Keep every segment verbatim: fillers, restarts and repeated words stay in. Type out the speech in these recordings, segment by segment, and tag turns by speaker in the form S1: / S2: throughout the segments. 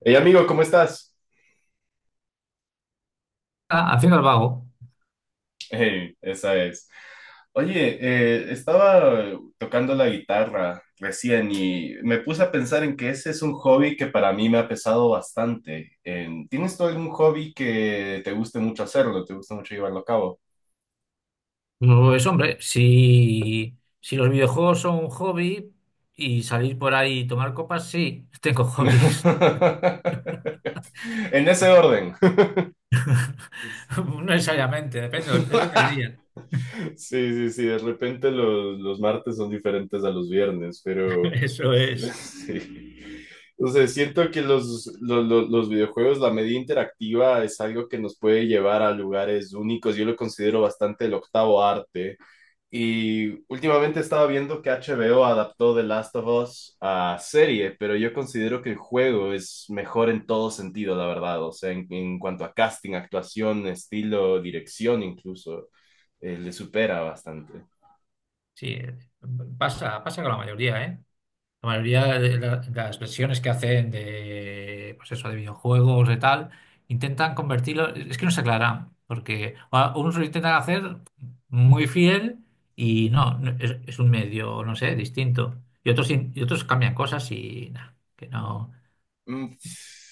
S1: Hey amigo, ¿cómo estás?
S2: Ah, haciendo el vago.
S1: Hey, esa es. Oye, eh, estaba tocando la guitarra recién y me puse a pensar en que ese es un hobby que para mí me ha pesado bastante. Eh, ¿tienes tú algún hobby que te guste mucho hacerlo, te gusta mucho llevarlo a cabo?
S2: No es hombre, si, si los videojuegos son un hobby y salir por ahí y tomar copas, sí, tengo hobbies.
S1: En ese orden.
S2: No necesariamente, depende, depende del día.
S1: Sí, sí, sí, de repente los, los martes son diferentes a los viernes, pero
S2: Eso es.
S1: sí. O sea, siento que los, los, los- los videojuegos, la media interactiva es algo que nos puede llevar a lugares únicos. Yo lo considero bastante el octavo arte. Y últimamente estaba viendo que H B O adaptó The Last of Us a serie, pero yo considero que el juego es mejor en todo sentido, la verdad. O sea, en, en cuanto a casting, actuación, estilo, dirección incluso, eh, le supera bastante.
S2: Sí, eh, pasa, pasa con la mayoría, ¿eh? La mayoría de la- de las versiones que hacen de, pues eso, de videojuegos, de tal, intentan convertirlo, es que no se aclaran, porque a- unos lo intentan hacer muy fiel y no, no- es, es, un medio, no sé, distinto. Y otros, in- y otros cambian cosas y nada, que no.
S1: Mm,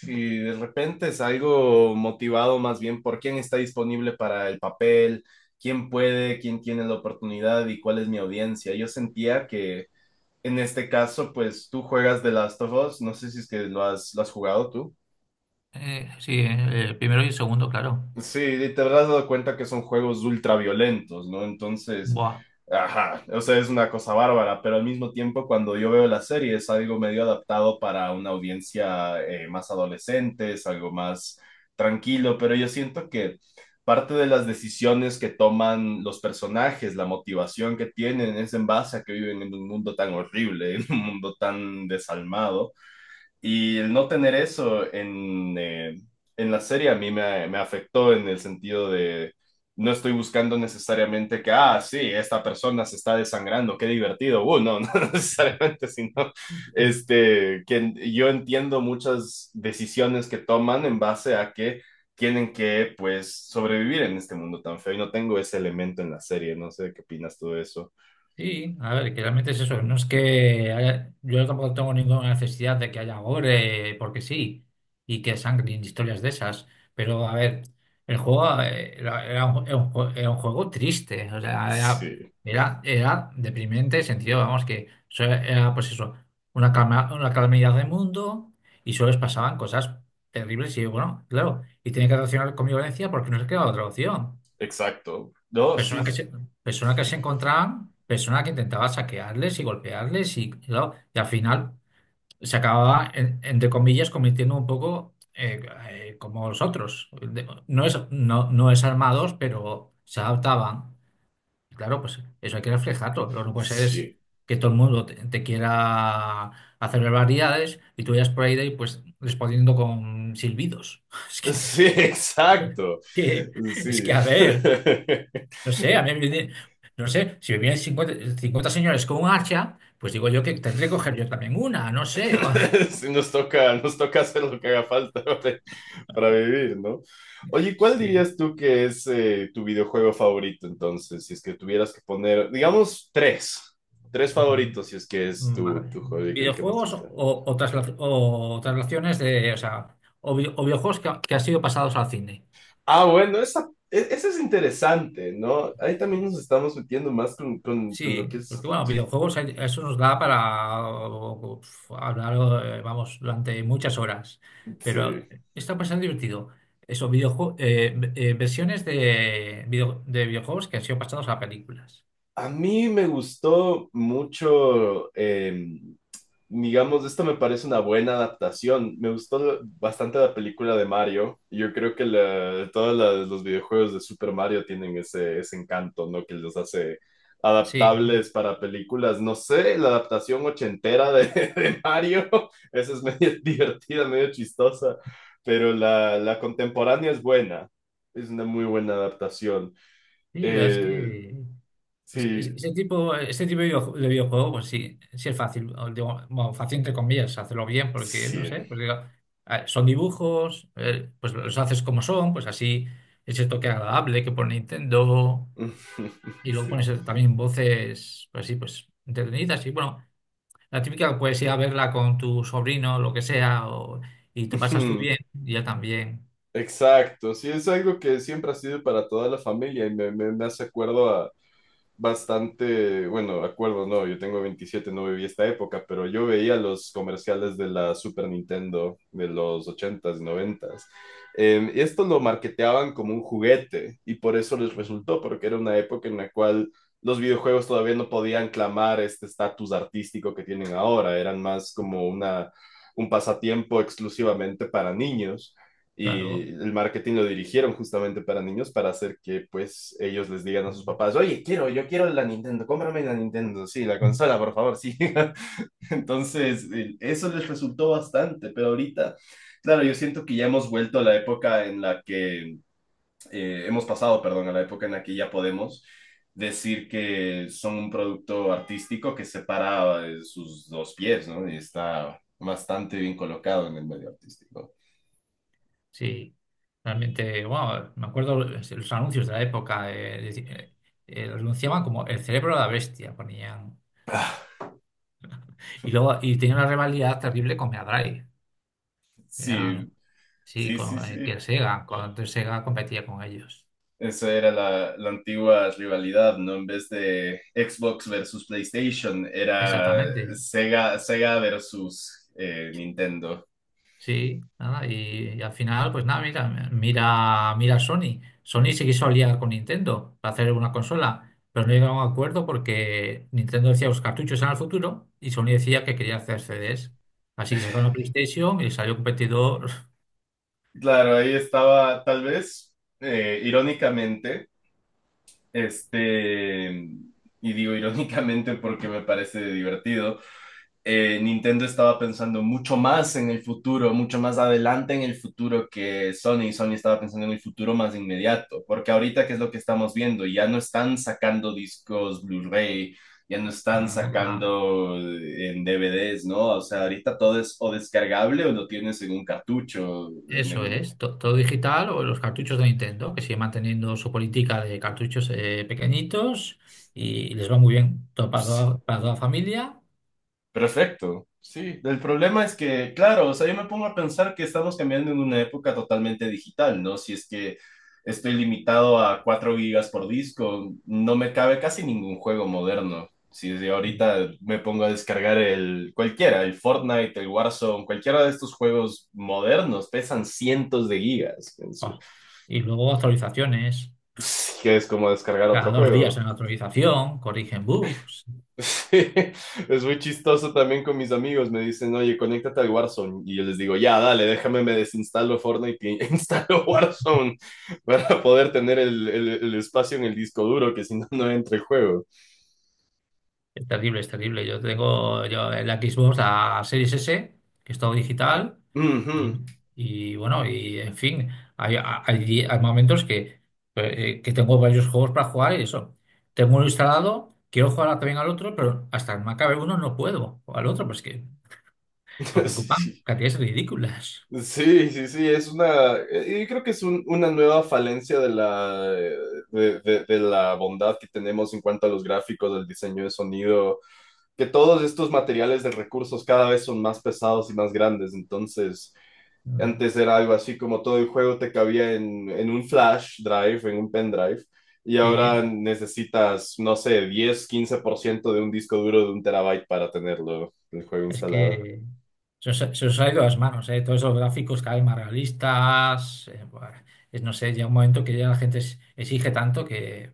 S1: Y de repente es algo motivado más bien por quién está disponible para el papel, quién puede, quién tiene la oportunidad y cuál es mi audiencia. Yo sentía que en este caso, pues tú juegas The Last of Us, no sé si es que lo has, lo has jugado tú.
S2: Eh, sí, eh, el primero y el segundo, claro.
S1: Sí, y te habrás dado cuenta que son juegos ultraviolentos, ¿no? Entonces,
S2: Buah.
S1: ajá, o sea, es una cosa bárbara, pero al mismo tiempo cuando yo veo la serie es algo medio adaptado para una audiencia eh, más adolescente, es algo más tranquilo, pero yo siento que parte de las decisiones que toman los personajes, la motivación que tienen, es en base a que viven en un mundo tan horrible, en un mundo tan desalmado. Y el no tener eso en, eh, en la serie a mí me, me afectó en el sentido de no estoy buscando necesariamente que, ah, sí, esta persona se está desangrando, qué divertido. Uh, no, no necesariamente, sino este, que yo entiendo muchas decisiones que toman en base a que tienen que, pues, sobrevivir en este mundo tan feo y no tengo ese elemento en la serie. No sé qué opinas tú de eso.
S2: Sí, a ver, que realmente es eso. No es que haya- yo tampoco tengo ninguna necesidad de que haya gore, porque sí, y que sangre y historias de esas. Pero a ver, el juego eh, era, era un, era un jue- era un juego triste. O sea, era,
S1: Sí,
S2: era, era deprimente, en sentido, vamos, que so- era pues eso, una calma, una calamidad de mundo y solo les pasaban cosas terribles. Y bueno, claro, y tenía que relacionar con violencia porque no se quedaba otra opción.
S1: exacto. No, sí,
S2: Personas que se, personas que se encontraban, personas que intentaban saquearles y golpearles y, claro, y al final se acababa, en- entre comillas, convirtiendo un poco eh, eh, como los otros. De- No es, no, no es armados, pero se adaptaban. Claro, pues eso hay que reflejarlo. Lo que no puede ser es
S1: sí.
S2: que todo el mundo te, te quiera hacer barbaridades y tú vayas por ahí de ahí, pues respondiendo con silbidos. Es que,
S1: Sí,
S2: es
S1: exacto.
S2: que, es
S1: Sí.
S2: que a ver. No sé, a mí me viene- no sé, si me vienen cincuenta, cincuenta señores con un hacha, pues digo yo que tendré que coger yo también una, no sé.
S1: Sí, nos toca, nos toca hacer lo que haga falta para, para vivir, ¿no? Oye, ¿cuál
S2: Sí.
S1: dirías tú que es eh, tu videojuego favorito entonces? Si es que tuvieras que poner, digamos, tres. Tres favoritos, si
S2: Mm,
S1: es que es tu,
S2: vale.
S1: tu juego el que más te
S2: Videojuegos o,
S1: gusta.
S2: o, trasla- o traslaciones de, o sea, o, vi- o videojuegos que, ha- que han sido pasados al cine.
S1: Ah, bueno, esa, e- esa es interesante, ¿no? Ahí también nos estamos metiendo más con, con, con lo
S2: Sí,
S1: que
S2: porque
S1: es...
S2: bueno,
S1: tu-
S2: videojuegos, hay- eso nos da para uf, hablar, eh, vamos, durante muchas horas. Pero
S1: Sí.
S2: está bastante divertido. Eso, videojue- eh, ve- eh, versiones de, video- de videojuegos que han sido pasados a películas.
S1: A mí me gustó mucho, eh, digamos, esto me parece una buena adaptación. Me gustó lo- bastante la película de Mario. Yo creo que la- todos la- los videojuegos de Super Mario tienen ese, ese encanto, ¿no? Que los hace
S2: Sí,
S1: adaptables para películas. No sé, la adaptación ochentera de, de Mario, esa es medio divertida, medio chistosa, pero la, la contemporánea es buena. Es una muy buena adaptación.
S2: sí, la verdad es
S1: Eh,
S2: que Ese, ese-
S1: sí,
S2: ese tipo, ese tipo de videoju- de videojuego, pues sí, sí es fácil. O digo, bueno, fácil entre comillas, hacerlo bien, porque no
S1: sí.
S2: sé, pues digo, ah, son dibujos, eh, pues los haces como son, pues así ese toque agradable que pone Nintendo, y luego
S1: Sí.
S2: pones también voces, pues sí, pues entretenidas. Y bueno, la típica puedes ir a verla con tu sobrino, lo que sea, o- y te pasas tú bien, y ya también,
S1: Exacto, sí, es algo que siempre ha sido para toda la familia y me, me, me hace acuerdo a, bastante, bueno, acuerdo, no, yo tengo veintisiete, no viví esta época, pero yo veía los comerciales de la Super Nintendo de los ochentas s y noventa. Eh, y esto lo marketeaban como un juguete y por eso les resultó, porque era una época en la cual los videojuegos todavía no podían clamar este estatus artístico que tienen ahora, eran más como una, un pasatiempo exclusivamente para niños,
S2: claro.
S1: y el marketing lo dirigieron justamente para niños para hacer que pues ellos les digan a sus papás, oye, quiero, yo quiero la Nintendo, cómprame la Nintendo, sí, la consola, por favor, sí. Entonces, eh, eso les resultó bastante, pero ahorita, claro, yo siento que ya hemos vuelto a la época en la que, eh, hemos pasado, perdón, a la época en la que ya podemos decir que son un producto artístico que separa eh, sus dos pies, ¿no? Y está bastante bien colocado en el medio artístico.
S2: Sí, realmente, wow, me acuerdo los, los anuncios de la época, eh, deci- eh, eh, los anunciaban como el cerebro de la bestia, ponían. Y luego, y tenía una rivalidad terrible con Mega Drive. Eran,
S1: Sí,
S2: sí,
S1: sí, sí,
S2: con eh, que
S1: sí.
S2: Sega, cuando antes Sega competía con ellos.
S1: Esa era la, la antigua rivalidad, ¿no? En vez de Xbox versus PlayStation, era
S2: Exactamente.
S1: Sega, Sega versus eh, Nintendo.
S2: Sí, nada, y, y al final, pues nada, mira, mira, mira Sony. Sony se quiso aliar con Nintendo para hacer una consola, pero no llegaron a un acuerdo porque Nintendo decía los cartuchos eran el futuro y Sony decía que quería hacer C Ds. Así que sacaron la PlayStation y salió competidor.
S1: Claro, ahí estaba, tal vez, eh, irónicamente, este, y digo irónicamente porque me parece divertido, eh, Nintendo estaba pensando mucho más en el futuro, mucho más adelante en el futuro que Sony. Y Sony estaba pensando en el futuro más inmediato, porque ahorita, ¿qué es lo que estamos viendo? Ya no están sacando discos Blu-ray, ya no están
S2: Para nada.
S1: sacando en D V Ds, ¿no? O sea, ahorita todo es o descargable o lo tienes en un cartucho, en,
S2: Eso
S1: en-
S2: es, to- todo digital o los cartuchos de Nintendo, que sigue manteniendo su política de cartuchos eh, pequeñitos y, les va muy bien, todo para
S1: Sí.
S2: toda, para toda la familia.
S1: Perfecto, sí. El problema es que, claro, o sea, yo me pongo a pensar que estamos cambiando en una época totalmente digital, ¿no? Si es que estoy limitado a cuatro gigas por disco, no me cabe casi ningún juego moderno. Si desde ahorita me pongo a descargar el cualquiera, el Fortnite, el Warzone, cualquiera de estos juegos modernos, pesan cientos de gigas.
S2: Ah. Y luego actualizaciones.
S1: Es- que es como descargar
S2: Cada
S1: otro
S2: dos días
S1: juego.
S2: en actualización, corrigen bugs.
S1: Sí, es muy chistoso también con mis amigos. Me dicen, oye, conéctate al Warzone. Y yo les digo, ya, dale, déjame, me desinstalo Fortnite y instalo Warzone para poder tener el, el- el espacio en el disco duro, que si no, no entra el juego.
S2: Es terrible, es terrible. Yo tengo yo el Xbox a Series S, que es todo digital.
S1: Ujú.
S2: Y, y, bueno, y en fin, hay, hay- hay momentos que, eh, eh, que tengo varios juegos para jugar y eso. Tengo uno instalado, quiero jugar también al otro, pero hasta que me acabe uno no puedo. O al otro, pues que, porque ocupan
S1: Sí.
S2: cantidades ridículas.
S1: Sí, sí, sí, es una, eh, yo creo que es un- una nueva falencia de la, eh, de, de- de la bondad que tenemos en cuanto a los gráficos, el diseño de sonido, que todos estos materiales de recursos cada vez son más pesados y más grandes. Entonces
S2: Mm,
S1: antes era algo así como todo el juego te cabía en, en un flash drive, en un pendrive, y ahora
S2: sí.
S1: necesitas, no sé, diez quince por ciento de un disco duro de un terabyte para tenerlo, el juego
S2: Es
S1: instalado.
S2: que se os, se os ha ido las manos, ¿eh? Todos esos gráficos cada vez más realistas. eh, buah, es, no sé, llega un momento que ya la gente es- exige tanto que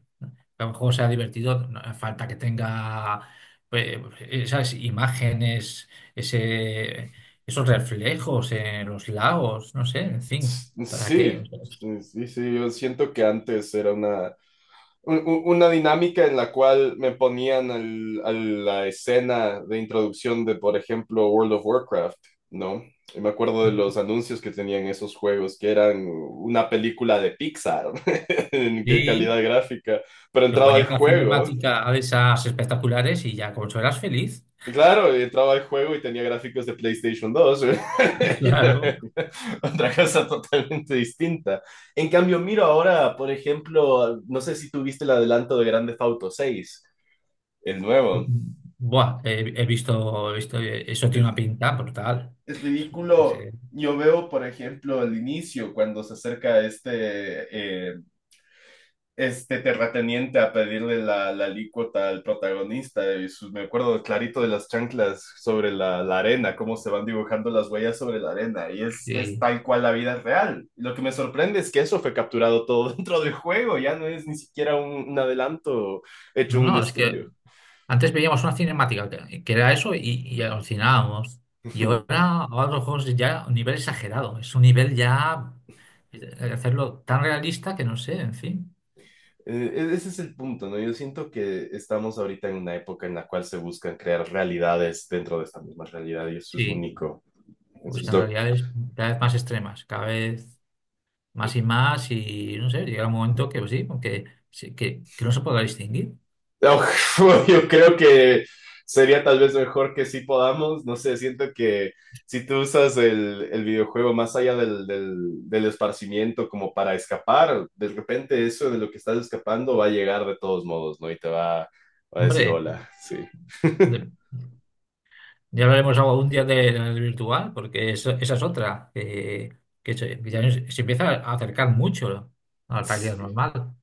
S2: a lo mejor sea divertido, no hace falta que tenga, pues, esas imágenes, ese, esos reflejos en los lagos, no sé, en fin, ¿para qué?
S1: Sí,
S2: O sea,
S1: sí, sí, yo siento que antes era una, un- un- una dinámica en la cual me ponían al- a la escena de introducción de, por ejemplo, World of Warcraft, ¿no? Y me acuerdo de los anuncios que tenían esos juegos, que eran una película de Pixar. En qué
S2: y
S1: calidad gráfica, pero
S2: te
S1: entraba
S2: ponía
S1: al
S2: una
S1: juego.
S2: cinemática de esas espectaculares y ya con eso eras feliz.
S1: Y claro, entraba al juego y tenía gráficos de PlayStation dos.
S2: Claro.
S1: Otra cosa totalmente distinta. En cambio, miro ahora, por ejemplo, no sé si tuviste el adelanto de Grand Theft Auto seis, el nuevo.
S2: Buah, he, he visto, he visto, eh, eso tiene
S1: Es,
S2: una pinta brutal.
S1: es
S2: Sí,
S1: ridículo. Yo veo, por ejemplo, al inicio, cuando se acerca este eh, este terrateniente a pedirle la, la alícuota al protagonista. Y su- me acuerdo clarito de las chanclas sobre la, la arena, cómo se van dibujando las huellas sobre la arena. Y es, es
S2: sí.
S1: tal cual la vida real. Lo que me sorprende es que eso fue capturado todo dentro del juego. Ya no es ni siquiera un, un adelanto hecho
S2: No,
S1: en un
S2: no, es que
S1: estudio.
S2: antes veíamos una cinemática que, que era eso y, y alucinábamos. Y ahora, ahora los juegos ya a un nivel exagerado, es un nivel ya eh, hacerlo tan realista que no sé, en fin.
S1: Eh, e- Ese es el punto, ¿no? Yo siento que estamos ahorita en una época en la cual se buscan crear realidades dentro de esta misma realidad y eso es
S2: Sí,
S1: único.
S2: pues que
S1: Entonces,
S2: en
S1: lo
S2: realidad es cada vez más extremas, cada vez más y más y no sé, llega un momento que pues sí, que, sí, que, que no se pueda distinguir.
S1: Uf, yo creo que sería tal vez mejor que sí podamos, no sé, siento que si tú usas el, el videojuego más allá del, del, del esparcimiento como para escapar, de repente eso de lo que estás escapando va a llegar de todos modos, ¿no? Y te va, va a decir
S2: Hombre.
S1: hola, sí.
S2: de- Ya hablaremos algún día de la realidad virtual, porque eso- esa es otra, que, que se, que ya se empieza a acercar mucho a la realidad
S1: Sí,
S2: normal,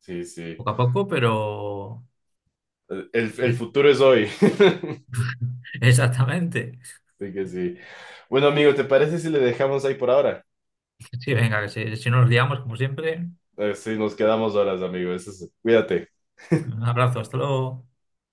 S1: sí, sí.
S2: poco a poco, pero.
S1: El, el futuro es hoy.
S2: Exactamente.
S1: Así que sí. Bueno, amigo, ¿te parece si le dejamos ahí por ahora?
S2: Sí, venga, que si, si no nos liamos, como siempre,
S1: Eh, Sí, nos quedamos horas, amigo. Eso es- Cuídate.
S2: un abrazo, hasta luego.